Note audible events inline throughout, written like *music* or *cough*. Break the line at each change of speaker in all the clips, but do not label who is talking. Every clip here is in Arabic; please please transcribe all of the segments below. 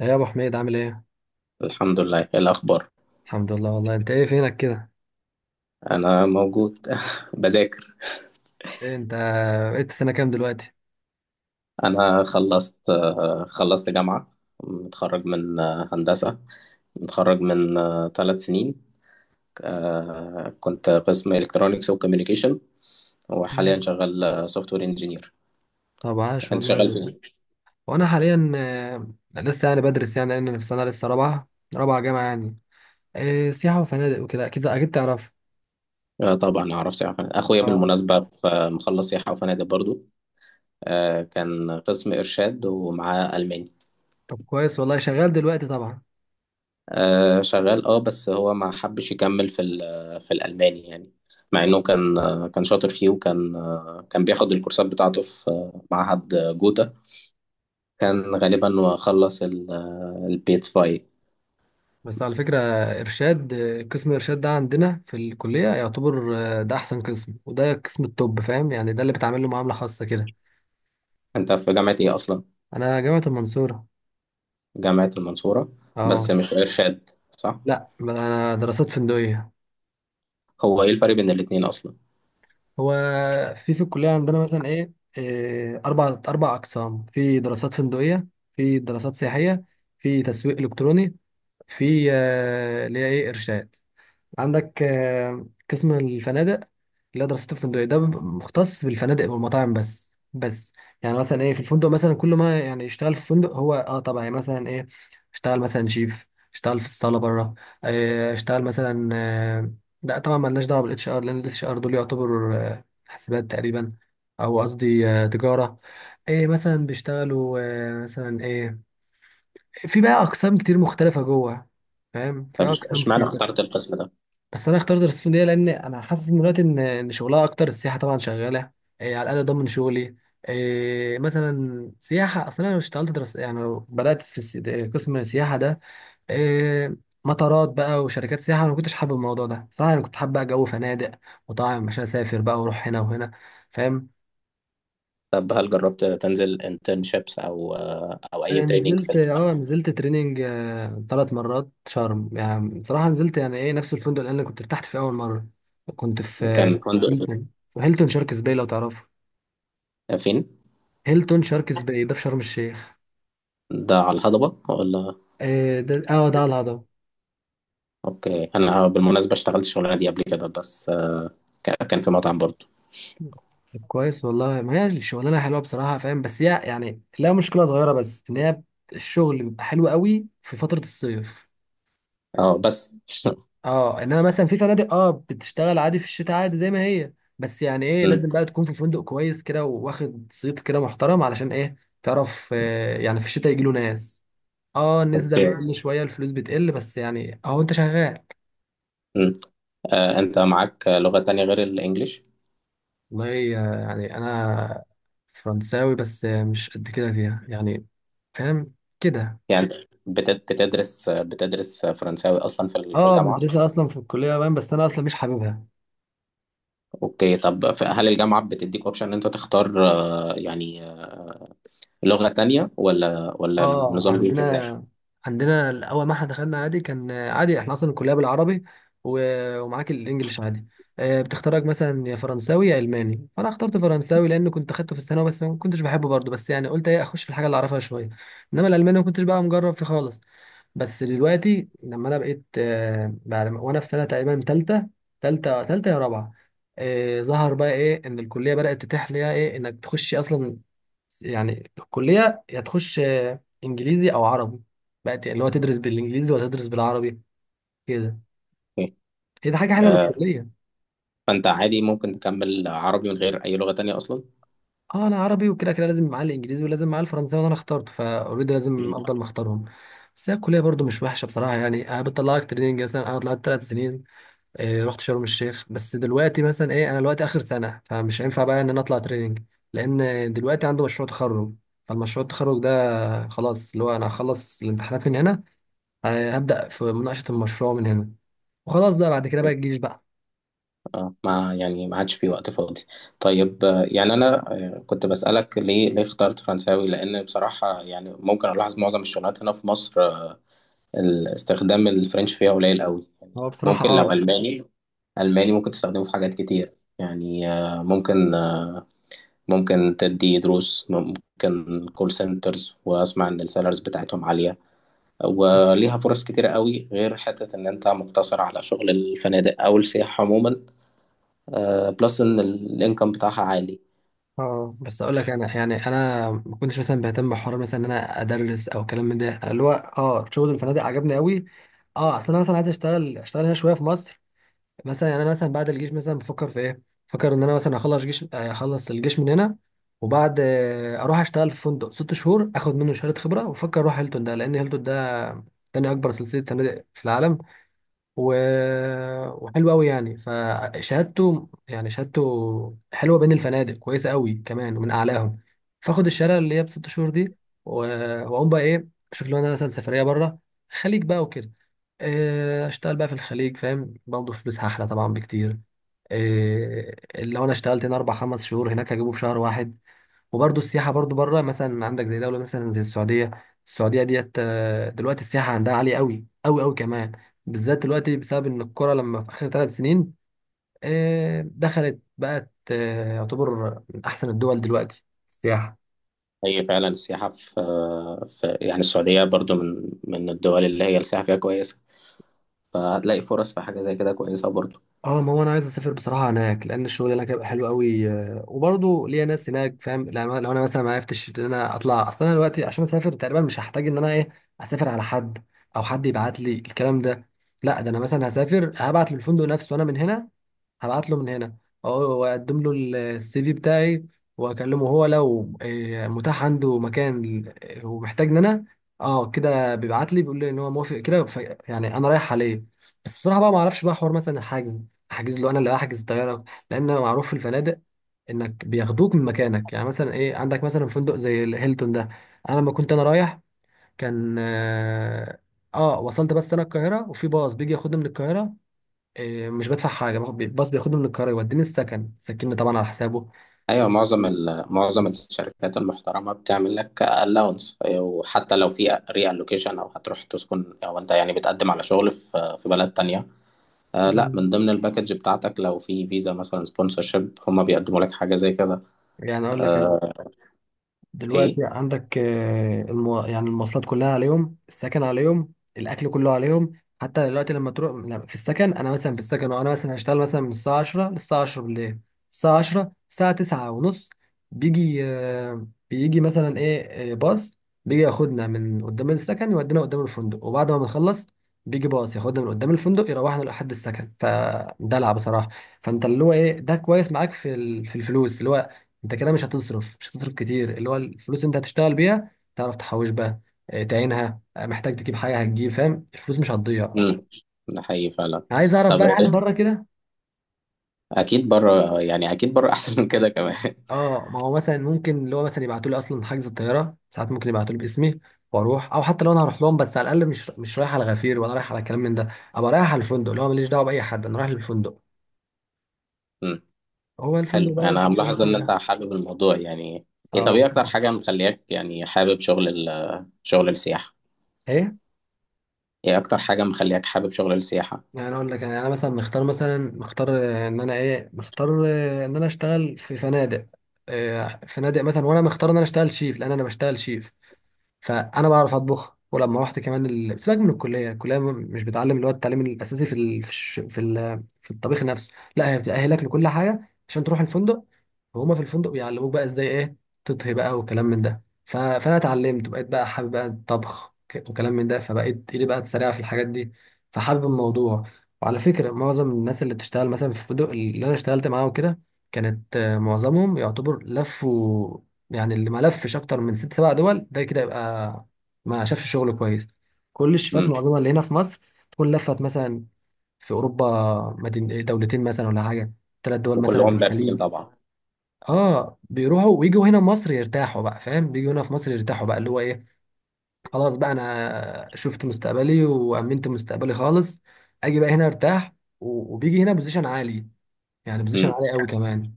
ايه يا ابو حميد، عامل ايه؟
الحمد لله، إيه الأخبار؟
الحمد لله والله، انت ايه فينك كده؟
أنا موجود *laughs* بذاكر.
إيه انت؟ بقيت سنه كام دلوقتي؟
أنا خلصت جامعة. متخرج من هندسة. متخرج من 3 سنين. كنت قسم إلكترونيكس وكوميونيكيشن، وحاليا
مم.
شغال سوفت وير انجينير.
طب عاش
أنت شغال
والله.
فين؟
وانا حاليا لسه يعني بدرس، يعني لان في سنه لسه رابعه. رابعه جامعه يعني. إيه، سياحه وفنادق وكده، اكيد اكيد تعرف.
طبعا أعرف سياحة وفنادق. أخويا
اه.
بالمناسبة مخلص سياحة وفنادق برضو. كان قسم إرشاد ومعاه ألماني.
طب كويس والله، شغال دلوقتي طبعا.
شغال، بس هو ما حبش يكمل في الألماني يعني. مع انه كان كان شاطر فيه، وكان كان بياخد الكورسات بتاعته في معهد جوتا. كان غالبا، وخلص البيت فاي.
بس على فكره، ارشاد، قسم ارشاد ده عندنا في الكليه يعتبر، ده احسن قسم، وده قسم التوب، فاهم يعني، ده اللي بتعمل له معامله خاصه كده.
انت في جامعة ايه اصلا؟
انا جامعه المنصوره.
جامعة المنصورة، بس
اه.
مش ارشاد، صح؟
لا، انا دراسات فندقيه.
هو ايه الفرق بين الاتنين اصلا؟
هو في الكلية عندنا مثلا إيه إيه، أربع أقسام في دراسات فندقية. في دراسات سياحية. في تسويق إلكتروني. في اللي هي إرشاد. عندك قسم الفنادق، اللي هو دراسته الفندقية، ده بيبقى مختص بالفنادق والمطاعم بس. يعني مثلا ايه، في الفندق مثلا كل ما يعني يشتغل في فندق هو، طبعا، يعني مثلا ايه، اشتغل مثلا شيف، اشتغل في الصالة بره، اه، اشتغل مثلا لا طبعا مالناش دعوة بالاتش ار، لان الاتش ار دول يعتبروا حاسبات تقريبا. او قصدي تجارة. ايه مثلا بيشتغلوا مثلا ايه. في بقى اقسام كتير مختلفة جوه، فاهم، في
طب
اقسام
اشمعنى
كتير. بس
اخترت القسم ده؟
بس انا اخترت السعوديه، لان انا حاسس ان دلوقتي ان شغلها اكتر، السياحه طبعا شغاله. إيه، على الاقل ضمن شغلي. إيه، مثلا سياحه، اصلا انا لو اشتغلت درس، يعني لو بدات في قسم السياحه ده. إيه، مطارات بقى وشركات سياحه، انا ما كنتش حابب الموضوع ده صراحه، انا كنت حابب بقى جو فنادق. وطبعا مش هسافر بقى واروح هنا وهنا، فاهم.
طب هل جربت تنزل انترنشيبس او اي
انا
تريننج
نزلت اه نزلت تريننج، 3 مرات شرم، يعني بصراحه نزلت يعني ايه نفس الفندق اللي انا كنت ارتحت فيه اول مره. كنت في
كان فندق؟
هيلتون. في هيلتون شاركس باي لو تعرفه.
فين؟
هيلتون شاركس باي ده في شرم الشيخ.
ده على الهضبة، ولا؟
ده على الهضبه.
اوكي، انا بالمناسبة اشتغلت الشغلانة دي قبل كده، بس كان في مطعم برضو.
طب كويس والله، ما هي الشغلانه حلوه بصراحه، فاهم، بس هي يعني لها مشكله صغيره، بس ان هي الشغل بيبقى حلو قوي في فتره الصيف.
اه بس *laughs*
اه انما مثلا في فنادق بتشتغل عادي في الشتاء، عادي زي ما هي. بس يعني ايه،
مم.
لازم بقى تكون في فندق كويس كده واخد صيت كده محترم علشان ايه، تعرف، يعني في الشتاء يجيله ناس. اه النسبة
اوكي.
بتقل شوية، الفلوس بتقل، بس يعني اهو انت شغال.
مم. انت معاك لغة تانية غير الانجليش؟
والله، يعني انا فرنساوي، بس مش قد كده فيها يعني، فاهم، كده.
يعني أنت بتدرس فرنساوي اصلا في
اه
الجامعة؟
مدرسة اصلا في الكلية باين، بس انا اصلا مش حاببها.
اوكي، طب هل الجامعة بتديك اوبشن ان انت تختار لغة تانية ولا
اه
النظام بيمشي ازاي؟
عندنا عندنا اول ما احنا دخلنا عادي، كان عادي احنا اصلا الكليه بالعربي، ومعاك الانجليش عادي. بتختارك مثلا يا فرنساوي يا الماني، فانا اخترت فرنساوي لان كنت اخدته في الثانوي، بس ما كنتش بحبه برضه، بس يعني قلت ايه اخش في الحاجه اللي اعرفها شويه. انما الالماني ما كنتش بقى مجرب فيه خالص. بس دلوقتي لما انا بقيت بعد ما- وانا في سنه تقريبا ثالثه، ثالثه يا رابعه، ظهر بقى ايه، ان الكليه بدات تتيح ليها ايه انك تخش اصلا. يعني الكلية يا تخش إنجليزي أو عربي. بقت اللي هو تدرس بالإنجليزي ولا تدرس بالعربي، كده.
أوكي.
هي دي حاجة حلوة
آه،
للكلية.
فانت عادي ممكن تكمل عربي من غير اي لغة تانية اصلا؟
اه انا عربي، وكده كده لازم معاه الانجليزي، ولازم معاه الفرنساوي، وانا اخترته فاوريدي لازم
مم.
افضل مختارهم. بس هي الكليه برضو مش وحشه بصراحه، يعني انا بتطلعك تريننج، مثلا انا طلعت 3 سنين. رحت شرم الشيخ، بس دلوقتي مثلا ايه، انا دلوقتي اخر سنه، فمش هينفع بقى ان انا اطلع تريننج، لان دلوقتي عنده مشروع تخرج. فالمشروع التخرج ده، خلاص اللي هو انا هخلص الامتحانات من هنا، هبدأ في مناقشة المشروع من هنا، وخلاص بقى بعد كده بقى الجيش بقى.
اه ما يعني ما عادش في وقت فاضي. طيب يعني انا كنت بسألك ليه اخترت فرنساوي، لان بصراحة يعني ممكن الاحظ معظم الشغلات هنا في مصر. استخدام الفرنش فيها قليل قوي يعني.
هو بصراحة،
ممكن لو الماني. الماني ممكن تستخدمه في حاجات كتير. يعني ممكن تدي دروس، ممكن كول سنترز، واسمع ان السالاريز بتاعتهم عالية، وليها فرص كتيرة قوي، غير حتة ان انت مقتصر على شغل الفنادق او السياحة عموما، بلس ان الانكم بتاعها عالي.
اه بس اقول لك، انا يعني انا ما كنتش مثلا بهتم بحوار مثلا ان انا ادرس او كلام من ده، أنا اللي هو شغل الفنادق عجبني قوي. اه اصل انا مثلا عايز اشتغل هنا شويه في مصر، مثلا يعني انا مثلا بعد الجيش مثلا بفكر في ايه. بفكر ان انا مثلا اخلص جيش، اخلص الجيش من هنا، وبعد اروح اشتغل في فندق 6 شهور، اخد منه شهاده خبره، وافكر اروح هيلتون ده، لان هيلتون ده تاني اكبر سلسله فنادق في العالم، و... وحلو قوي يعني، فشهادته يعني شهادته حلوه بين الفنادق، كويسه قوي كمان ومن اعلاهم. فاخد الشهاده اللي هي ب6 شهور دي، و... واقوم بقى ايه، اشوف لو انا مثلا سفريه بره، خليج بقى وكده، اشتغل بقى في الخليج، فاهم، برضه فلوسها احلى طبعا بكتير. إيه، لو انا اشتغلت هنا 4 5 شهور، هناك هجيبه في شهر واحد. وبرضه السياحة برضه بره، مثلا عندك زي دولة مثلا زي السعودية. السعودية ديت، دلوقتي السياحة عندها عالية قوي قوي قوي كمان، بالذات دلوقتي بسبب إن الكرة لما في آخر 3 سنين دخلت، بقت يعتبر من أحسن الدول دلوقتي في السياحة.
هي فعلا السياحة في يعني السعودية، برضو من الدول اللي هي السياحة فيها كويسة، فهتلاقي فرص في حاجة زي كده كويسة برضو.
اه ما هو انا عايز اسافر بصراحه هناك، لان الشغل هناك هيبقى حلو قوي، وبرضه ليا ناس هناك، فاهم، لو انا مثلا ما عرفتش ان انا اطلع اصلا، انا دلوقتي عشان اسافر تقريبا مش هحتاج ان انا ايه، اسافر على حد او حد يبعت لي الكلام ده. لا، ده انا مثلا هسافر، هبعت للفندق نفسه وانا من هنا، هبعت له من هنا. اه واقدم له السي في بتاعي، واكلمه، هو لو متاح عنده مكان ومحتاجني انا، اه كده بيبعت لي بيقول لي ان هو موافق كده، يعني انا رايح عليه. بس بصراحه بقى ما اعرفش بقى حوار مثلا الحجز، احجز له، انا اللي احجز الطياره. لان معروف في الفنادق انك بياخدوك من مكانك، يعني مثلا ايه عندك مثلا فندق زي الهيلتون ده. انا لما كنت انا رايح، كان اه آه، وصلت بس انا القاهره، وفي باص بيجي ياخدني من القاهره، إيه، مش بدفع حاجه، باخد الباص بياخدني من القاهره يوديني السكن، سكنني طبعا على حسابه.
أيوة، معظم معظم الشركات المحترمة بتعمل لك allowance، وحتى لو في reallocation أو هتروح تسكن أو أنت يعني بتقدم على شغل في بلد تانية. لا،
مم.
من ضمن الباكج بتاعتك لو في فيزا مثلا سبونسرشيب هما بيقدموا لك حاجة زي كده.
يعني اقول لك،
آه،
دلوقتي
إيه؟
عندك يعني المواصلات كلها عليهم، السكن عليهم، الاكل كله عليهم. حتى دلوقتي لما تروح، لا، في السكن، انا مثلا في السكن وانا مثلا هشتغل مثلا من الساعه 10 للساعه 10 بالليل. الساعه 10، الساعه 9 ونص بيجي مثلا ايه باص، بيجي ياخدنا من قدام السكن يودينا قدام الفندق، وبعد ما بنخلص بيجي باص ياخدنا من قدام الفندق يروحنا لحد السكن، فدلع بصراحه. فانت اللي هو ايه، ده كويس معاك في في الفلوس، اللي هو انت كده مش هتصرف كتير، اللي هو الفلوس اللي انت هتشتغل بيها تعرف تحوش بقى، تعينها، محتاج تجيب حاجه هتجيب، فاهم، الفلوس مش هتضيع.
مم. ده حقيقي فعلا.
عايز اعرف
طب
بقى هل بره كده.
اكيد بره، يعني اكيد بره احسن من كده كمان.
اه ما هو مثلا ممكن اللي هو مثلا يبعتوا لي اصلا حجز الطياره، ساعات ممكن يبعتوا لي باسمي واروح، او حتى لو انا هروح لهم، بس على الاقل مش رايح على غفير، ولا رايح على كلام من ده. ابقى رايح على الفندق اللي هو ماليش دعوه باي حد، انا رايح للفندق.
*laughs* مم.
هو الفندق
حلو،
بقى
انا
بيعمل
ملاحظ ان
كل
انت
ده.
حابب الموضوع يعني. ايه، طب
اه
ايه اكتر
بصراحة.
حاجه مخلياك يعني حابب شغل السياحه؟
ايه.
ايه اكتر حاجه مخلياك حابب شغل السياحه؟
يعني اقول لك، يعني انا مثلا مختار، مثلا مختار، ان انا ايه مختار، ان انا اشتغل في فنادق، فنادق مثلا. وانا مختار ان انا اشتغل شيف، لان انا بشتغل شيف. فانا بعرف اطبخ. ولما رحت كمان سيبك من الكليه مش بتعلم اللي هو التعليم الاساسي في في في، في الطبيخ نفسه. لا، هي بتاهلك لكل حاجه عشان تروح الفندق، وهما في الفندق بيعلموك بقى ازاي ايه تطهي بقى وكلام من ده. فانا اتعلمت، وبقيت بقى حابب بقى الطبخ وكلام من ده، فبقيت ايدي بقى سريعه في الحاجات دي، فحابب الموضوع. وعلى فكره، معظم الناس اللي بتشتغل مثلا في الفندق اللي انا اشتغلت معاهم كده كانت، معظمهم يعتبر لفوا. يعني اللي ما لفش اكتر من 6 7 دول ده كده يبقى ما شافش شغل كويس. كل الشيفات
امم.
معظمها اللي هنا في مصر تكون لفت مثلا في اوروبا، مدين دولتين مثلا ولا حاجه، 3 دول مثلا في
وكلهم دارسين
الخليج.
طبعا؟
اه بيروحوا ويجوا هنا مصر يرتاحوا بقى، فاهم، بيجوا هنا في مصر يرتاحوا بقى، اللي هو ايه، خلاص بقى انا شفت مستقبلي وامنت مستقبلي خالص، اجي بقى هنا ارتاح. وبيجي هنا بوزيشن عالي، يعني بوزيشن
امم.
عالي قوي كمان،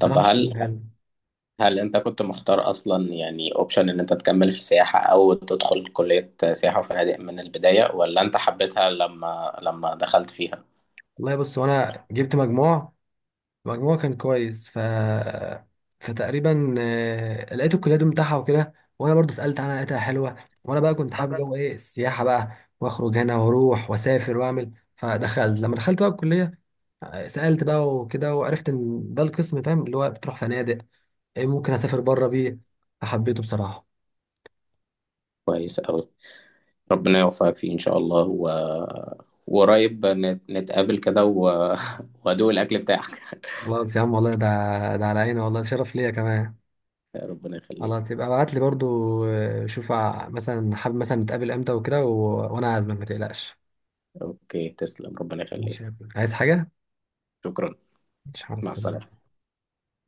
طب
مش
هل
فاهم.
هل انت كنت مختار اصلا يعني اوبشن ان انت تكمل في سياحه او تدخل كليه سياحه وفنادق من البدايه، ولا انت حبيتها لما دخلت فيها؟
والله بص، وانا جبت مجموعه كان كويس، فتقريبا لقيت الكليه بتاعها وكده، وانا برضو سالت عنها لقيتها حلوه. وانا بقى كنت حابب جو ايه السياحه بقى، واخرج هنا واروح واسافر واعمل، فدخلت لما دخلت بقى الكليه، سالت بقى وكده، وعرفت ان ده القسم، فاهم، اللي هو بتروح فنادق. إيه ممكن اسافر بره بيه، فحبيته بصراحه.
كويس أوي، ربنا يوفقك فيه إن شاء الله وقريب نتقابل كده *laughs* وأدوق الأكل بتاعك *laughs*
خلاص يا عم والله، ده على عيني والله، شرف ليا كمان.
ربنا يخليك.
خلاص، يبقى ابعت لي برضو شوف مثلا حابب مثلا نتقابل امتى وكده وانا عازمك ما تقلقش.
أوكي، تسلم، ربنا يخليك.
مش عايز حاجة.
شكرا.
مش
مع
حاسس
السلامة.